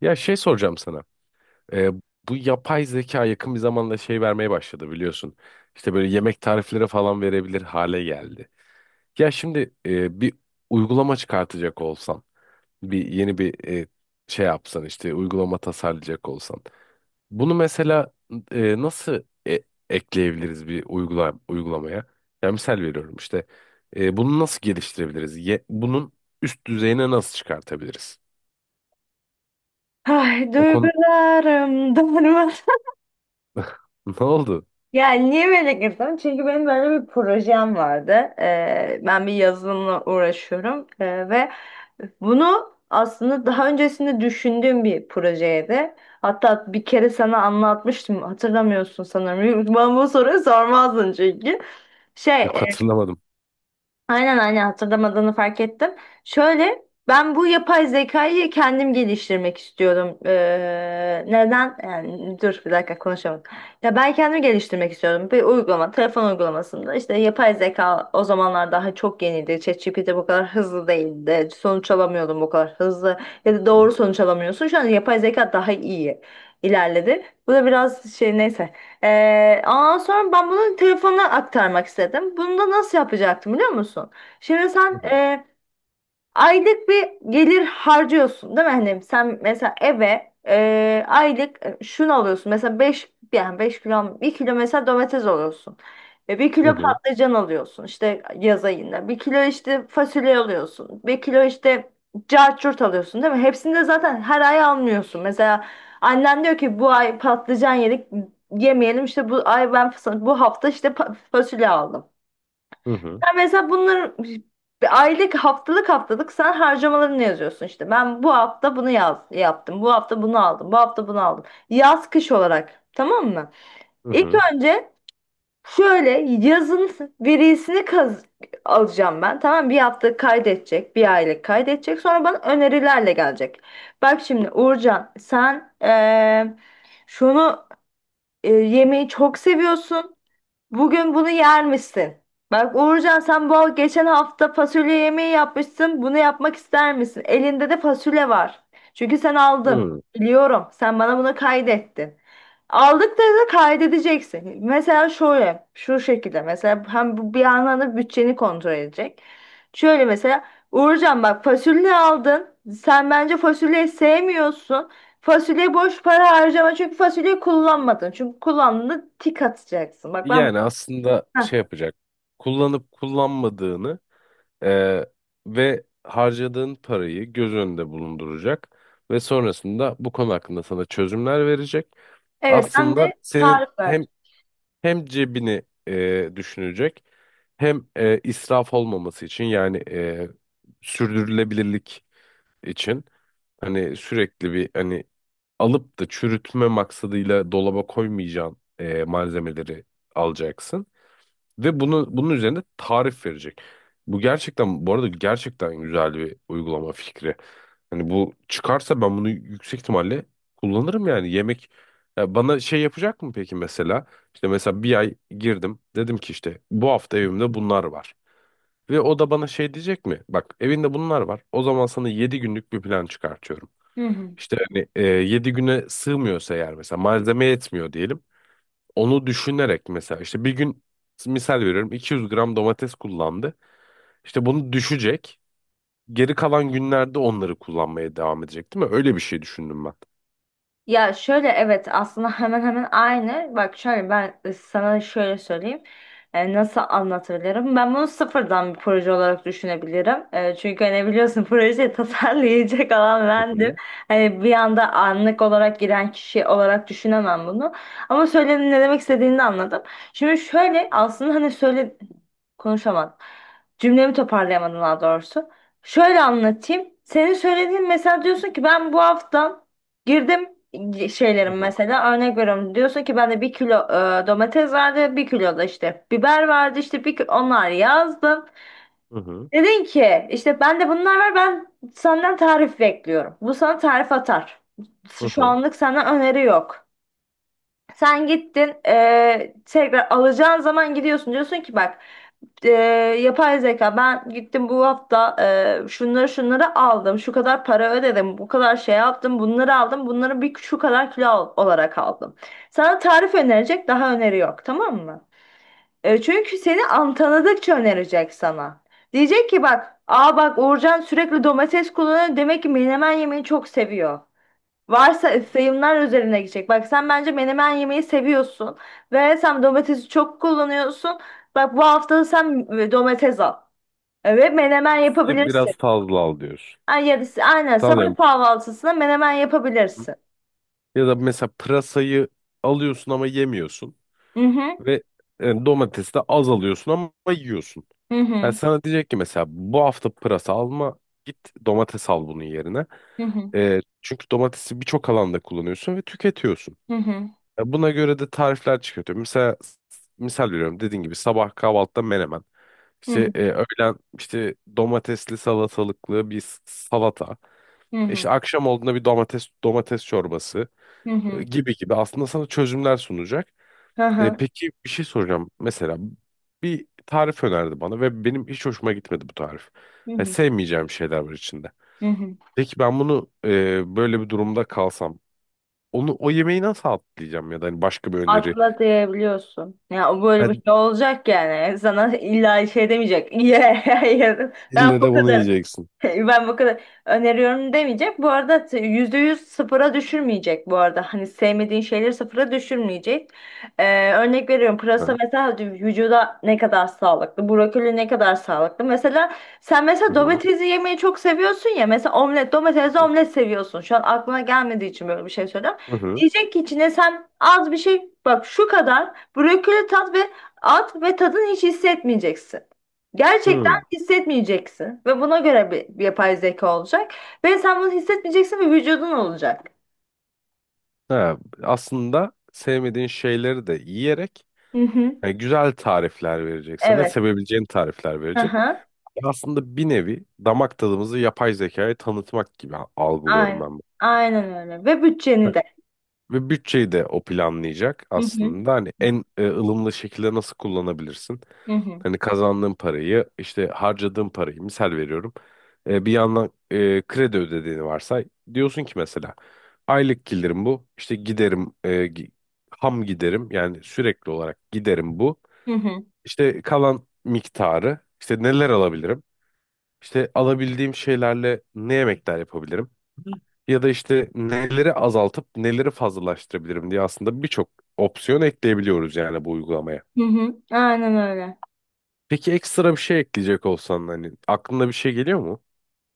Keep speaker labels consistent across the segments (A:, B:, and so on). A: Ya şey soracağım sana. Ee, Bu yapay zeka yakın bir zamanda şey vermeye başladı biliyorsun. İşte böyle yemek tarifleri falan verebilir hale geldi. Ya şimdi bir uygulama çıkartacak olsan, bir yeni bir e, şey yapsan işte uygulama tasarlayacak olsan. Bunu mesela nasıl e- ekleyebiliriz bir uygulamaya? Ya misal veriyorum işte. Bunu nasıl geliştirebiliriz? Bunun üst düzeyine nasıl çıkartabiliriz?
B: Ay
A: O konu
B: duygularım darmadan.
A: ne oldu?
B: Yani niye böyle girdim? Çünkü benim böyle bir projem vardı. Ben bir yazılımla uğraşıyorum ve bunu aslında daha öncesinde düşündüğüm bir projeydi. Hatta bir kere sana anlatmıştım. Hatırlamıyorsun sanırım. Ben bu soruyu sormazdın çünkü. Şey,
A: Yok hatırlamadım.
B: Aynen aynen hatırlamadığını fark ettim. Şöyle ben bu yapay zekayı kendim geliştirmek istiyorum. Neden? Yani, dur bir dakika konuşamadım. Ya ben kendim geliştirmek istiyorum. Bir uygulama, telefon uygulamasında işte yapay zeka o zamanlar daha çok yeniydi. ChatGPT bu kadar hızlı değildi. Sonuç alamıyordum bu kadar hızlı. Ya da doğru sonuç alamıyorsun. Şu an yapay zeka daha iyi ilerledi. Bu da biraz şey neyse. Ondan sonra ben bunu telefonuna aktarmak istedim. Bunu da nasıl yapacaktım biliyor musun? Şimdi
A: Hı
B: sen
A: hı.
B: aylık bir gelir harcıyorsun değil mi? Hani sen mesela eve aylık şunu alıyorsun. Mesela 5 yani 5 kilo bir kilo mesela domates alıyorsun. 1
A: Hı
B: kilo
A: hı.
B: patlıcan alıyorsun işte yaz ayında. Bir kilo işte fasulye alıyorsun. Bir kilo işte cacurt alıyorsun değil mi? Hepsini de zaten her ay almıyorsun. Mesela annen diyor ki bu ay patlıcan yedik yemeyelim işte bu ay ben bu hafta işte fasulye aldım.
A: Hı hı.
B: Sen mesela bunları bir aylık haftalık haftalık sen harcamalarını yazıyorsun işte. Ben bu hafta bunu yaptım. Bu hafta bunu aldım. Bu hafta bunu aldım. Yaz kış olarak. Tamam mı?
A: Hı
B: İlk
A: hı.
B: önce şöyle yazın verisini alacağım ben. Tamam, bir hafta kaydedecek. Bir aylık kaydedecek. Sonra bana önerilerle gelecek. Bak şimdi Uğurcan sen şunu yemeği çok seviyorsun. Bugün bunu yer misin? Bak Uğurcan sen bu geçen hafta fasulye yemeği yapmışsın. Bunu yapmak ister misin? Elinde de fasulye var. Çünkü sen aldın. Biliyorum. Sen bana bunu kaydettin. Aldık da kaydedeceksin. Mesela şöyle, şu şekilde. Mesela hem bu bir yandan da bütçeni kontrol edecek. Şöyle mesela Uğurcan bak fasulye aldın. Sen bence fasulyeyi sevmiyorsun. Fasulye boş para harcama, çünkü fasulyeyi kullanmadın. Çünkü kullandığında tik atacaksın. Bak ben.
A: Yani aslında şey yapacak. Kullanıp kullanmadığını eee, ve harcadığın parayı göz önünde bulunduracak ve sonrasında bu konu hakkında sana çözümler verecek.
B: Evet, ben
A: Aslında
B: de
A: senin
B: tarif
A: hem
B: verdim.
A: hem cebini düşünecek hem israf olmaması için yani sürdürülebilirlik için hani sürekli bir hani alıp da çürütme maksadıyla dolaba koymayacağın malzemeleri alacaksın ve bunun üzerine tarif verecek. Bu gerçekten bu arada gerçekten güzel bir uygulama fikri. Hani bu çıkarsa ben bunu yüksek ihtimalle kullanırım yani yemek ya bana şey yapacak mı peki mesela? İşte mesela bir ay girdim, dedim ki işte bu hafta evimde bunlar var. Ve o da bana şey diyecek mi? Bak evinde bunlar var. O zaman sana 7 günlük bir plan çıkartıyorum.
B: Hı hı.
A: İşte hani 7 güne sığmıyorsa eğer mesela malzeme yetmiyor diyelim. Onu düşünerek mesela işte bir gün misal veriyorum 200 gram domates kullandı. İşte bunu düşecek. Geri kalan günlerde onları kullanmaya devam edecek değil mi? Öyle bir şey düşündüm ben.
B: Ya şöyle, evet, aslında hemen hemen aynı. Bak şöyle ben sana şöyle söyleyeyim. Nasıl anlatabilirim? Ben bunu sıfırdan bir proje olarak düşünebilirim. Çünkü hani biliyorsun projeyi tasarlayacak olan bendim.
A: Hı.
B: Hani bir anda, anlık olarak giren kişi olarak düşünemem bunu. Ama söyledim, ne demek istediğini de anladım. Şimdi şöyle, aslında hani söyle konuşamadım. Cümlemi toparlayamadım daha doğrusu. Şöyle anlatayım. Senin söylediğin, mesela diyorsun ki ben bu hafta girdim
A: Hı
B: şeylerim,
A: hı.
B: mesela örnek veriyorum, diyorsa ki bende bir kilo domates vardı, bir kilo da işte biber vardı işte onlar yazdım.
A: Hı hı.
B: Dedin ki işte bende bunlar var, ben senden tarif bekliyorum. Bu sana tarif atar.
A: Hı hı.
B: Şu
A: Hı.
B: anlık senden öneri yok. Sen gittin, tekrar alacağın zaman gidiyorsun, diyorsun ki bak, eee, yapay zeka, ben gittim bu hafta, şunları şunları aldım, şu kadar para ödedim, bu kadar şey yaptım, bunları aldım, bunları bir şu kadar kilo olarak aldım. Sana tarif önerecek, daha öneri yok, tamam mı? Çünkü seni an tanıdıkça önerecek sana. Diyecek ki bak, aa, bak Uğurcan sürekli domates kullanıyor, demek ki menemen yemeyi çok seviyor. Varsa sayımlar üzerine gidecek. Bak sen bence menemen yemeyi seviyorsun ve sen domatesi çok kullanıyorsun. Bak bu hafta da sen domates al. Evet,
A: Yani
B: menemen
A: domatesi
B: yapabilirsin.
A: biraz fazla al diyorsun.
B: Ay, ya da aynen sabah
A: Tamam.
B: kahvaltısına menemen
A: Hı hı.
B: yapabilirsin.
A: Ya da mesela pırasayı alıyorsun ama yemiyorsun
B: Hı hı
A: ve domatesi de az alıyorsun ama yiyorsun.
B: hı
A: Yani
B: hı
A: sana diyecek ki mesela bu hafta pırasa alma, git domates al bunun yerine.
B: hı hı
A: Çünkü domatesi birçok alanda kullanıyorsun ve tüketiyorsun.
B: hı hı
A: Buna göre de tarifler çıkartıyor. Mesela misal veriyorum dediğin gibi sabah kahvaltıda menemen.
B: hı
A: İşte öğlen işte domatesli salatalıklı bir salata.
B: hı hı hı.
A: İşte akşam olduğunda bir domates çorbası
B: Hı hı.
A: gibi gibi aslında sana çözümler sunacak.
B: Hı hı
A: Peki bir şey soracağım. Mesela bir tarif önerdi bana ve benim hiç hoşuma gitmedi bu tarif.
B: hı
A: Yani
B: hı.
A: sevmeyeceğim şeyler var içinde.
B: Hı.
A: Peki ben bunu böyle bir durumda kalsam onu o yemeği nasıl atlayacağım ya da hani başka bir öneri.
B: Atla diyebiliyorsun. Ya böyle bir
A: Hadi,
B: şey olacak yani. Sana illa şey demeyecek. Ye, ye. Ben
A: ille
B: bu
A: de bunu
B: kadar.
A: yiyeceksin.
B: Ben bu kadar öneriyorum demeyecek. Bu arada %100 sıfıra düşürmeyecek bu arada. Hani sevmediğin şeyleri sıfıra düşürmeyecek. Örnek veriyorum. Pırasa
A: Hı
B: mesela vücuda ne kadar sağlıklı. Brokoli ne kadar sağlıklı. Mesela sen
A: hı,
B: mesela
A: hı
B: domatesi yemeyi çok seviyorsun ya. Mesela omlet, domatesli
A: hı
B: omlet seviyorsun. Şu an aklına gelmediği için böyle bir şey söylüyorum.
A: hı, hı,
B: Diyecek ki içine sen az bir şey, bak şu kadar brokoli tat ve at, ve tadını hiç hissetmeyeceksin
A: hı.
B: hissetmeyeceksin, ve buna göre bir yapay zeka olacak ve sen bunu hissetmeyeceksin ve vücudun olacak.
A: Ha, aslında sevmediğin şeyleri de yiyerek
B: Hı hı.
A: yani güzel tarifler verecek sana,
B: Evet.
A: sevebileceğin tarifler
B: Hı
A: verecek.
B: hı.
A: Ya aslında bir nevi damak tadımızı yapay zekaya tanıtmak gibi algılıyorum ben
B: Aynen.
A: bunu.
B: Aynen öyle. Ve bütçeni
A: Hani
B: de.
A: ve bütçeyi de o planlayacak
B: Hı hı.
A: aslında. Hani en ılımlı şekilde nasıl kullanabilirsin?
B: Hı hı.
A: Hani kazandığın parayı, işte harcadığın parayı misal veriyorum. Bir yandan kredi ödediğini varsay. Diyorsun ki mesela aylık gelirim bu. İşte giderim ham giderim yani sürekli olarak giderim bu.
B: Hı hı.
A: İşte kalan miktarı işte neler alabilirim? İşte alabildiğim şeylerle ne yemekler yapabilirim? Ya da işte neleri azaltıp neleri fazlalaştırabilirim diye aslında birçok opsiyon ekleyebiliyoruz yani bu uygulamaya.
B: Hı hı. Aynen öyle.
A: Peki ekstra bir şey ekleyecek olsan hani aklına bir şey geliyor mu?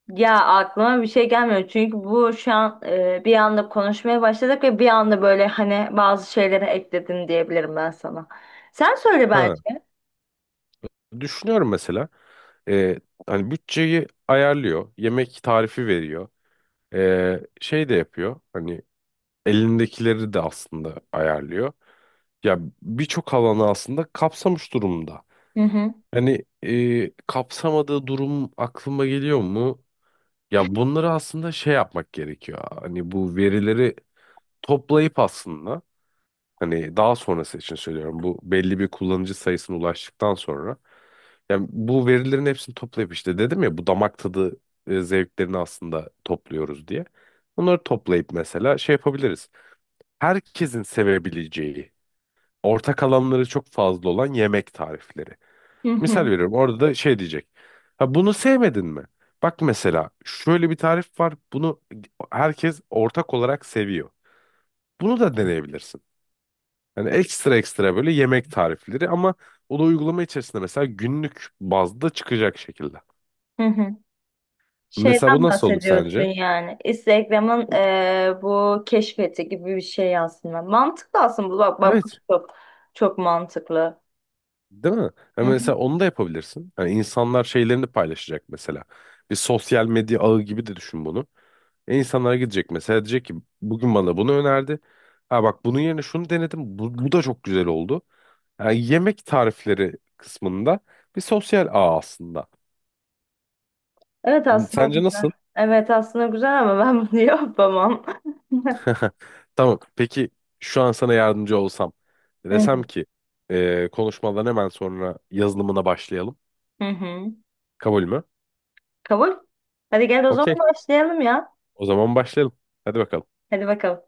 B: Ya aklıma bir şey gelmiyor, çünkü bu şu an bir anda konuşmaya başladık ve bir anda böyle hani bazı şeyleri ekledim diyebilirim ben sana. Sen söyle
A: Ha,
B: bence.
A: düşünüyorum mesela. Ee, Hani bütçeyi ayarlıyor, yemek tarifi veriyor, şey de yapıyor. Hani elindekileri de aslında ayarlıyor. Ya birçok alanı aslında kapsamış durumda.
B: Hı hı.
A: Hani kapsamadığı durum aklıma geliyor mu? Ya bunları aslında şey yapmak gerekiyor. Hani bu verileri toplayıp aslında hani daha sonrası için söylüyorum. Bu belli bir kullanıcı sayısına ulaştıktan sonra yani bu verilerin hepsini toplayıp işte dedim ya bu damak tadı zevklerini aslında topluyoruz diye. Bunları toplayıp mesela şey yapabiliriz. Herkesin sevebileceği ortak alanları çok fazla olan yemek tarifleri.
B: Hı hı.
A: Misal veriyorum orada da şey diyecek. Ha, bunu sevmedin mi? Bak mesela şöyle bir tarif var. Bunu herkes ortak olarak seviyor. Bunu da deneyebilirsin. Yani ekstra ekstra böyle yemek tarifleri ama o da uygulama içerisinde mesela günlük bazda çıkacak şekilde.
B: Hı hı.
A: Mesela bu
B: Şeyden
A: nasıl olur
B: bahsediyorsun
A: sence?
B: yani. Instagram'ın bu keşfeti gibi bir şey aslında. Mantıklı aslında bu. Bak bak, bu
A: Evet,
B: çok çok mantıklı.
A: değil mi? Ya
B: Hı hı.
A: mesela onu da yapabilirsin. Yani insanlar şeylerini paylaşacak mesela. Bir sosyal medya ağı gibi de düşün bunu. E, insanlara gidecek mesela, diyecek ki bugün bana bunu önerdi. Ha bak, bunun yerine şunu denedim. Bu, bu da çok güzel oldu. Yani yemek tarifleri kısmında bir sosyal ağ aslında.
B: Evet,
A: Hmm,
B: aslında
A: sence
B: güzel.
A: nasıl?
B: Evet aslında güzel, ama ben bunu yapamam.
A: Tamam. Peki şu an sana yardımcı olsam,
B: Hı
A: desem
B: hı.
A: ki konuşmadan hemen sonra yazılımına başlayalım.
B: Hı hı.
A: Kabul mü?
B: Kabul. Hadi gel o zaman,
A: Okey.
B: başlayalım ya.
A: O zaman başlayalım. Hadi bakalım.
B: Hadi bakalım.